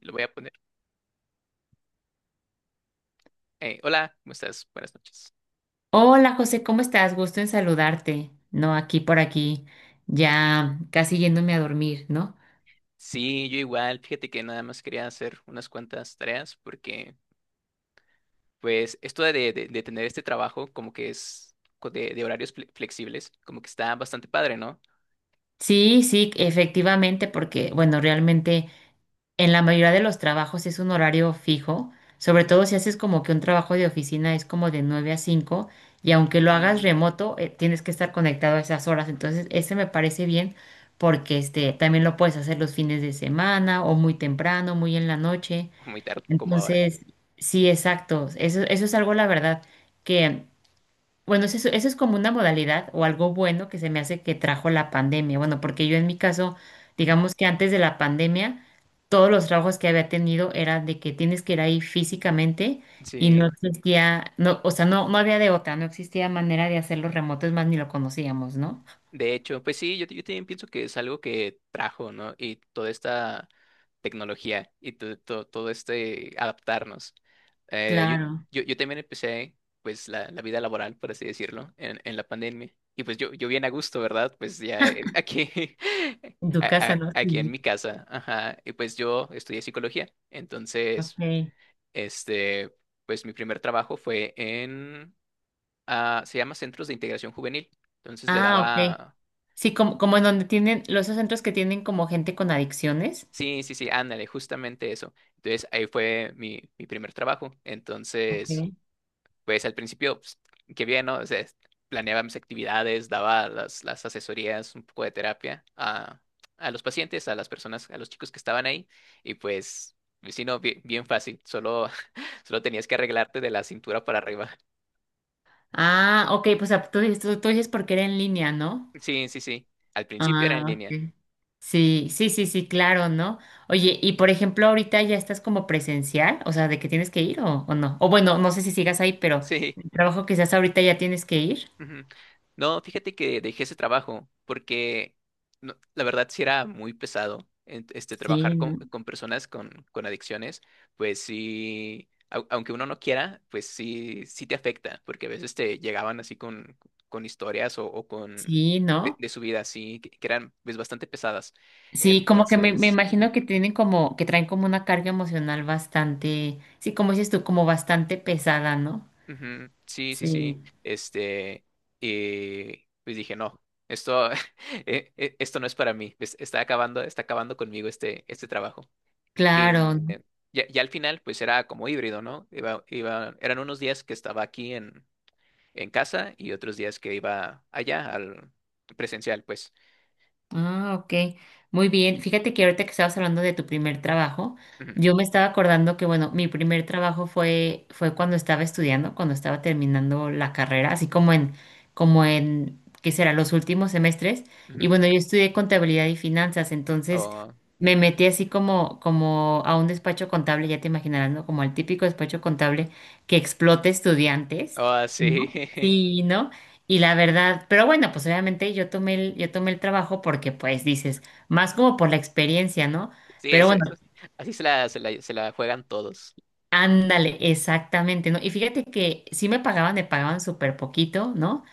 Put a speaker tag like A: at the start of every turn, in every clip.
A: Lo voy a poner. Hola, ¿cómo estás? Buenas noches.
B: Hola José, ¿cómo estás? Gusto en saludarte. No, aquí por aquí, ya casi yéndome a dormir, ¿no?
A: Sí, yo igual, fíjate que nada más quería hacer unas cuantas tareas porque, pues, esto de, de tener este trabajo como que es de horarios flexibles, como que está bastante padre, ¿no?
B: Sí, sí, efectivamente, porque bueno, realmente en la mayoría de los trabajos es un horario fijo, sobre todo si haces como que un trabajo de oficina es como de 9 a 5 y aunque lo hagas
A: Ujú.
B: remoto, tienes que estar conectado a esas horas. Entonces, ese me parece bien porque este también lo puedes hacer los fines de semana o muy temprano, muy en la noche.
A: Muy tarde, como ahora.
B: Entonces, sí, exacto. Eso es algo, la verdad, que, bueno, eso es como una modalidad o algo bueno que se me hace que trajo la pandemia. Bueno, porque yo en mi caso,
A: Ujú.
B: digamos que antes de la pandemia, todos los trabajos que había tenido eran de que tienes que ir ahí físicamente y no
A: Sí.
B: existía, no, o sea, no, no había de otra, no existía manera de hacerlo remoto, es más, ni lo conocíamos, ¿no?
A: De hecho, pues sí, yo también pienso que es algo que trajo, ¿no? Y toda esta tecnología y todo este adaptarnos. Eh,
B: Claro.
A: yo, yo también empecé, pues, la vida laboral, por así decirlo, en la pandemia. Y pues yo bien a gusto, ¿verdad? Pues ya aquí,
B: En tu casa, ¿no?
A: aquí en
B: Sí.
A: mi casa. Ajá. Y pues yo estudié psicología. Entonces,
B: Ok.
A: este, pues mi primer trabajo fue en, se llama Centros de Integración Juvenil. Entonces le
B: Ah, ok.
A: daba.
B: Sí, como, como en donde tienen, los esos centros que tienen como gente con adicciones.
A: Sí, sí, sí, ándale, justamente eso. Entonces, ahí fue mi, mi primer trabajo. Entonces,
B: Ok.
A: pues al principio, pues, qué bien, ¿no? O sea, planeaba mis actividades, daba las asesorías, un poco de terapia a los pacientes, a las personas, a los chicos que estaban ahí. Y pues, pues, sí, no, bien, bien fácil, solo, solo tenías que arreglarte de la cintura para arriba.
B: Ah, ok, pues ah, tú, dices- tú dices porque era en línea, ¿no?
A: Sí, sí, sí. Al principio era en
B: Ah,
A: línea.
B: ok. Sí, sí, sí, sí, claro, ¿no? Oye, y por ejemplo, ahorita ya estás como presencial, o sea, de que tienes que ir o no. O bueno, no sé si sigas ahí, pero
A: Sí.
B: el trabajo que estás ahorita ya tienes que ir.
A: Ujú. No, fíjate que dejé ese trabajo porque la verdad sí era muy pesado este trabajar
B: Sí, ¿no?
A: con personas con adicciones, pues sí, aunque uno no quiera, pues sí, sí te afecta, porque a veces te llegaban así con historias o con
B: Sí, ¿no?
A: de su vida así, que eran pues bastante pesadas.
B: Sí, como que me
A: Entonces, ujú.
B: imagino que tienen como, que traen como una carga emocional bastante, sí, como dices tú, como bastante pesada, ¿no?
A: Ujú, sí, sí, sí.
B: Sí.
A: Y pues dije, no, esto, esto no es para mí. Está acabando conmigo este, este trabajo. Y
B: Claro, ¿no?
A: eh, ya, ya al final, pues era como híbrido, ¿no? Iba, iba, eran unos días que estaba aquí en casa y otros días que iba allá al presencial, pues.
B: Ah, ok. Muy bien. Fíjate que ahorita que estabas hablando de tu primer trabajo,
A: Ujú,
B: yo me estaba acordando que, bueno, mi primer trabajo fue cuando estaba estudiando, cuando estaba terminando la carrera, así como en, como en, ¿qué será? Los últimos semestres.
A: ujú.
B: Y bueno, yo estudié contabilidad y finanzas, entonces
A: Oh,
B: me metí así como a un despacho contable, ya te imaginarás, ¿no? Como al típico despacho contable que explota estudiantes,
A: oh,
B: ¿no?
A: sí.
B: Sí, ¿no? Y la verdad, pero bueno, pues obviamente yo tomé el trabajo porque pues dices, más como por la experiencia, ¿no?
A: Sí,
B: Pero
A: eso,
B: bueno,
A: eso, así se la, se la, se la juegan todos,
B: ándale, exactamente, ¿no? Y fíjate que sí me pagaban súper poquito, ¿no?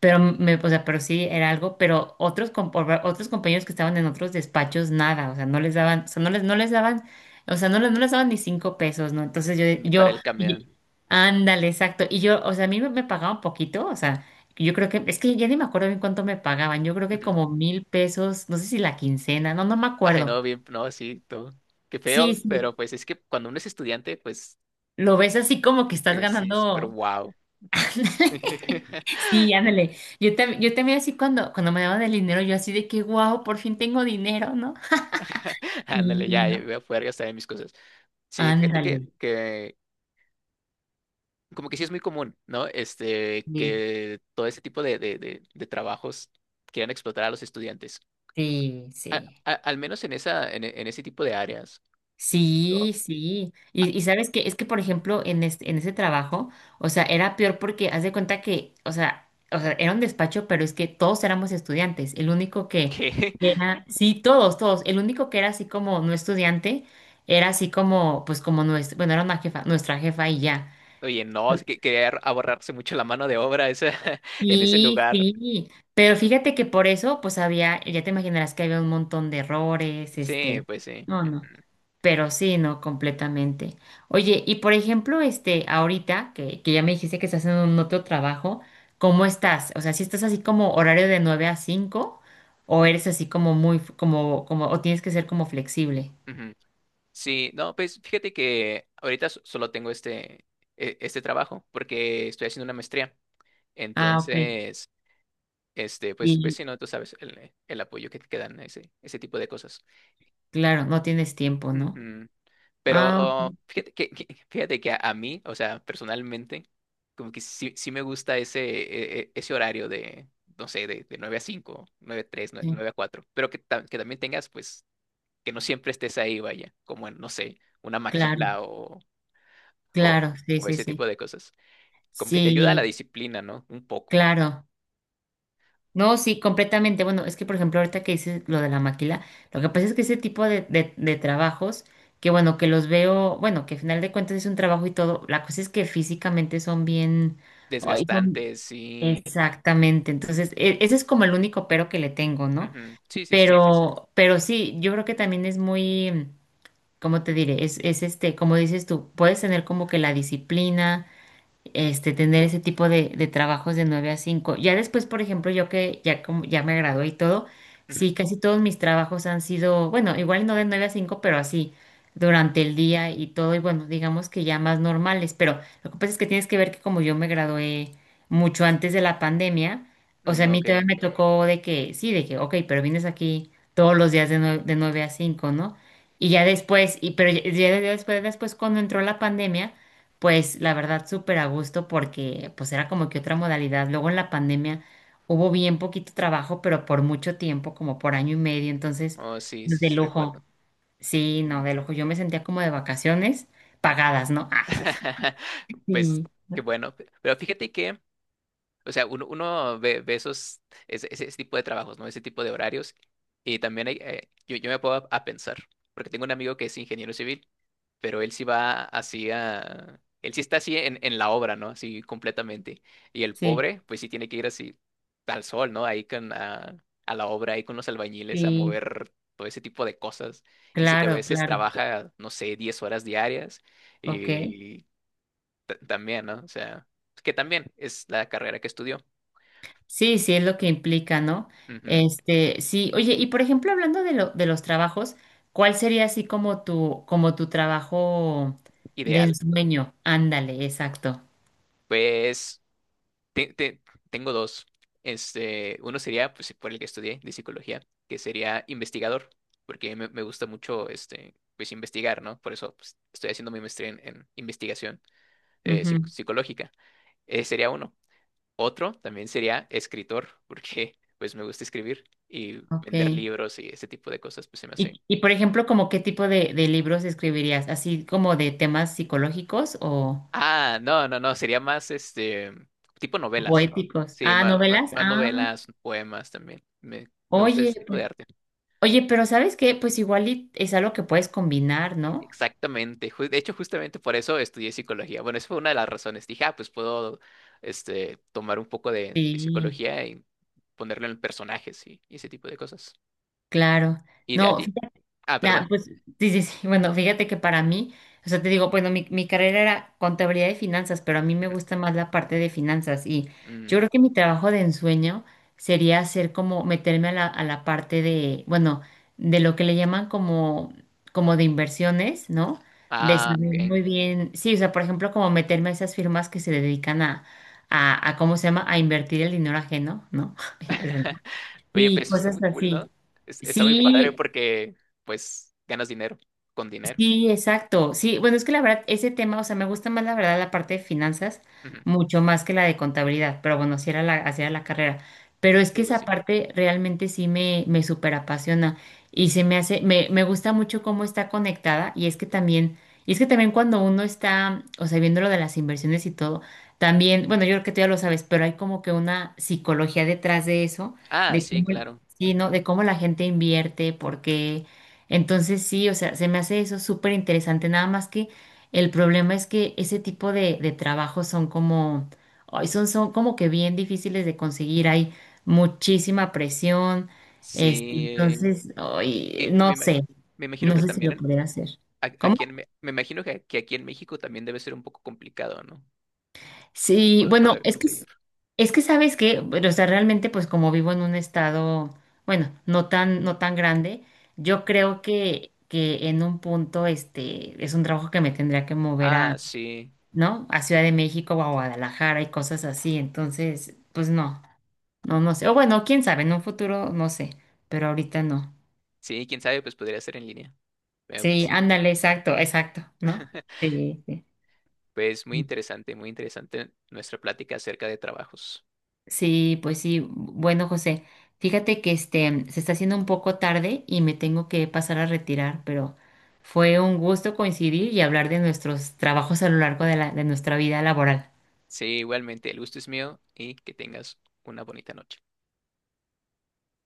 B: Pero me, o sea, pero sí era algo, pero otros, com- por- otros compañeros que estaban en otros despachos, nada, o sea, no les daban, o sea, no les daban, o sea, no les daban ni cinco pesos, ¿no? Entonces
A: ni
B: yo,
A: para
B: yo,
A: el
B: oye,
A: camión.
B: ándale, exacto. Y yo, o sea, a mí me pagaban poquito, o sea, yo creo que, es que ya ni me acuerdo bien cuánto me pagaban, yo creo que como mil pesos, no sé si la quincena, no, no me
A: Ay,
B: acuerdo.
A: no, bien, no, sí, todo. Qué
B: Sí,
A: feo, pero
B: sí,
A: pues es que cuando uno es estudiante, pues
B: lo ves así como que estás
A: sí, súper
B: ganando.
A: wow. Sí.
B: Sí, ándale. Yo, tam- yo también así cuando, cuando me daban el dinero, yo así de que, wow, por fin tengo dinero, ¿no? Sí,
A: Ándale, ya,
B: no.
A: voy a poder gastar en mis cosas. Sí, fíjate
B: Ándale.
A: que como que sí es muy común, ¿no? Este,
B: Sí,
A: que todo ese tipo de, de trabajos quieran explotar a los estudiantes.
B: sí, sí.
A: Al menos en esa, en, en ese tipo de áreas, por ejemplo,
B: Sí, sí. Y sabes que es que, por
A: mm,
B: ejemplo, en este, en ese trabajo, o sea, era peor porque haz de cuenta que, o sea, era un despacho, pero es que todos éramos estudiantes. El único que
A: que,
B: era, sí, todos, todos. El único que era así como no estudiante, era así como, pues como nuestra, bueno, era una jefa, nuestra jefa y ya.
A: oye, no, es que quería ahorrarse mucho la mano de obra esa, en ese
B: Sí,
A: lugar.
B: sí, pero fíjate que por eso, pues había, ya te imaginarás que había un montón de errores,
A: Sí,
B: este,
A: pues sí.
B: no, no, pero sí, no, completamente. Oye, y por ejemplo, este, ahorita que ya me dijiste que estás haciendo un otro trabajo, ¿cómo estás? O sea, si estás así como horario de 9 a 5 o eres así como muy, f- como, como, o tienes que ser como flexible?
A: Ujú. Sí, no, pues fíjate que ahorita solo tengo este, este trabajo porque estoy haciendo una maestría.
B: Ah, ok,
A: Entonces, este, pues, pues
B: sí,
A: sí, no, tú sabes el apoyo que te dan ese, ese tipo de cosas.
B: claro, no tienes tiempo, ¿no?
A: Ujú.
B: Ah, ok,
A: Pero fíjate que, fíjate que a mí, o sea, personalmente, como que sí, sí me gusta ese, ese horario de, no sé, de 9 a 5 9 a 3,
B: sí,
A: 9 a 4 pero que, que también tengas, pues, que no siempre estés ahí, vaya, como en, no sé, una
B: claro,
A: maquila o, o,
B: claro, sí,
A: o
B: sí,
A: ese
B: sí.
A: tipo de cosas. Como que te ayuda a la
B: Sí,
A: disciplina, ¿no? Un poco.
B: claro, no, sí, completamente. Bueno, es que por ejemplo, ahorita que dices lo de la maquila, lo que pasa es que ese tipo de trabajos, que bueno, que los veo, bueno, que al final de cuentas es un trabajo y todo, la cosa es que físicamente son bien, ay, son
A: Desgastante, sí.
B: exactamente. Entonces, e- ese es como el único pero que le tengo, ¿no?
A: Ujú, sí, sí, sí.
B: Pero sí, yo creo que también es muy, ¿cómo te diré? Es este, como dices tú, puedes tener como que la disciplina este, tener ese tipo de trabajos de 9 a 5. Ya después, por ejemplo, yo que ya, como, ya me gradué y todo,
A: Ujú,
B: sí, casi todos mis trabajos han sido, bueno, igual no de 9 a 5, pero así, durante el día y todo, y bueno, digamos que ya más normales, pero lo que pasa es que tienes que ver que como yo me gradué mucho antes de la pandemia, o sea, a mí
A: ok.
B: todavía me tocó de que, sí, de que, ok, pero vienes aquí todos los días de 9 de 9 a 5, ¿no? Y ya después, y, pero ya después, después cuando entró la pandemia, pues la verdad, súper a gusto porque pues era como que otra modalidad. Luego en la pandemia hubo bien poquito trabajo, pero por mucho tiempo, como por año y medio, entonces
A: Oh, sí,
B: pues,
A: sí,
B: de
A: sí, recuerdo.
B: lujo. Sí,
A: Mm.
B: no, de lujo. Yo me sentía como de vacaciones pagadas, ¿no? Ay,
A: Pues
B: sí,
A: qué bueno. Pero fíjate que, o sea, uno ve, ve esos, ese tipo de trabajos, ¿no? Ese tipo de horarios. Y también hay, yo, yo me puedo a pensar, porque tengo un amigo que es ingeniero civil, pero él sí va así a... Él sí está así en la obra, ¿no? Así completamente. Y el
B: sí,
A: pobre, pues sí tiene que ir así al sol, ¿no? Ahí con, a la obra, ahí con los albañiles a
B: sí,
A: mover todo ese tipo de cosas. Dice que a
B: claro,
A: veces
B: claro.
A: trabaja, no sé, 10 horas diarias
B: Ok.
A: y también, ¿no? O sea, que también es la carrera que estudió.
B: Sí, sí, es lo que implica, ¿no?
A: Ujú,
B: Este, sí, oye, y por ejemplo, hablando de lo, de los trabajos, ¿cuál sería así como tu trabajo de
A: ideal.
B: ensueño? Ándale, exacto.
A: Pues te- te- tengo dos. Este, uno sería, pues, por el que estudié de psicología, que sería investigador, porque me gusta mucho, este, pues, investigar, ¿no? Por eso, pues, estoy haciendo mi maestría en investigación
B: Ujú,
A: psicológica. Sería uno. Otro también sería escritor, porque, pues, me gusta escribir y vender
B: ok.
A: libros y ese tipo de cosas, pues, se me hace.
B: Y por ejemplo, ¿como qué tipo de libros escribirías? ¿Así como de temas psicológicos
A: Ah, no, no, no, sería más este tipo
B: o
A: novelas, ¿no?
B: éticos?
A: Sí,
B: Ah, novelas.
A: más,
B: Ah,
A: novelas, poemas también. Me gusta ese
B: oye,
A: tipo de
B: pues-
A: arte.
B: oye, pero ¿sabes qué? Pues igual y es algo que puedes combinar, ¿no?
A: Exactamente. De hecho, justamente por eso estudié psicología. Bueno, esa fue una de las razones. Dije, ah, pues puedo este, tomar un poco de
B: Sí,
A: psicología y ponerlo en personajes y ese tipo de cosas.
B: claro.
A: ¿Y de a
B: No,
A: ti? Ah, perdón.
B: nah, pues sí, sí, sí. Bueno, fíjate que para mí, o sea, te digo, bueno, mi carrera era contabilidad y finanzas, pero a mí me
A: Ujú.
B: gusta más la parte de finanzas y yo
A: Mm,
B: creo que mi trabajo de ensueño sería hacer como meterme a la parte de, bueno, de lo que le llaman como, como de inversiones, ¿no? De
A: ah,
B: saber
A: ok.
B: muy bien, sí, o sea, por ejemplo, como meterme a esas firmas que se dedican a, a ¿cómo se llama? A invertir el dinero ajeno, ¿no?
A: Oye,
B: Y
A: pues está muy
B: cosas
A: cool, ¿no?
B: así.
A: Está muy padre
B: Sí,
A: porque, pues, ganas dinero con dinero.
B: sí, exacto. Sí, bueno, es que la verdad, ese tema, o sea, me gusta más la verdad la parte de finanzas, mucho más que la de contabilidad, pero bueno, así era la carrera. Pero es
A: Sí,
B: que
A: güey,
B: esa
A: sí.
B: parte realmente sí me súper apasiona y se me hace, me gusta mucho cómo está conectada y es que también, y es que también cuando uno está, o sea, viendo lo de las inversiones y todo, también, bueno, yo creo que tú ya lo sabes, pero hay como que una psicología detrás de eso,
A: Ah,
B: de
A: sí,
B: cómo,
A: claro.
B: sí, ¿no?
A: Ujú.
B: De cómo la gente invierte, por qué. Entonces sí, o sea, se me hace eso súper interesante, nada más que el problema es que ese tipo de trabajos son como, ay, son, son como que bien difíciles de conseguir, hay muchísima presión, este,
A: Sí.
B: entonces, ay,
A: Y
B: no
A: me,
B: sé,
A: me imagino
B: no
A: que
B: sé si
A: también
B: lo pudiera hacer. ¿Cómo?
A: aquí en, me me imagino que aquí en México también debe ser un poco complicado, ¿no?
B: Sí, bueno,
A: Poder conseguir.
B: es que sabes que, o sea, realmente pues como vivo en un estado, bueno, no tan, no tan grande, yo
A: Ujú.
B: creo que en un punto este es un trabajo que me tendría que mover
A: Ah,
B: a,
A: sí.
B: ¿no? A Ciudad de México o a Guadalajara y cosas así, entonces, pues no, no, no sé, o bueno, quién sabe, en un futuro no sé, pero ahorita no.
A: Sí, quién sabe, pues podría ser en línea. Pero pues
B: Sí,
A: sí.
B: ándale, exacto, exacto, ¿no? Sí, sí.
A: Pues muy interesante nuestra plática acerca de trabajos.
B: Sí, pues sí. Bueno, José, fíjate que este se está haciendo un poco tarde y me tengo que pasar a retirar, pero fue un gusto coincidir y hablar de nuestros trabajos a lo largo de la, de nuestra vida laboral.
A: Sí, igualmente, el gusto es mío y que tengas una bonita noche.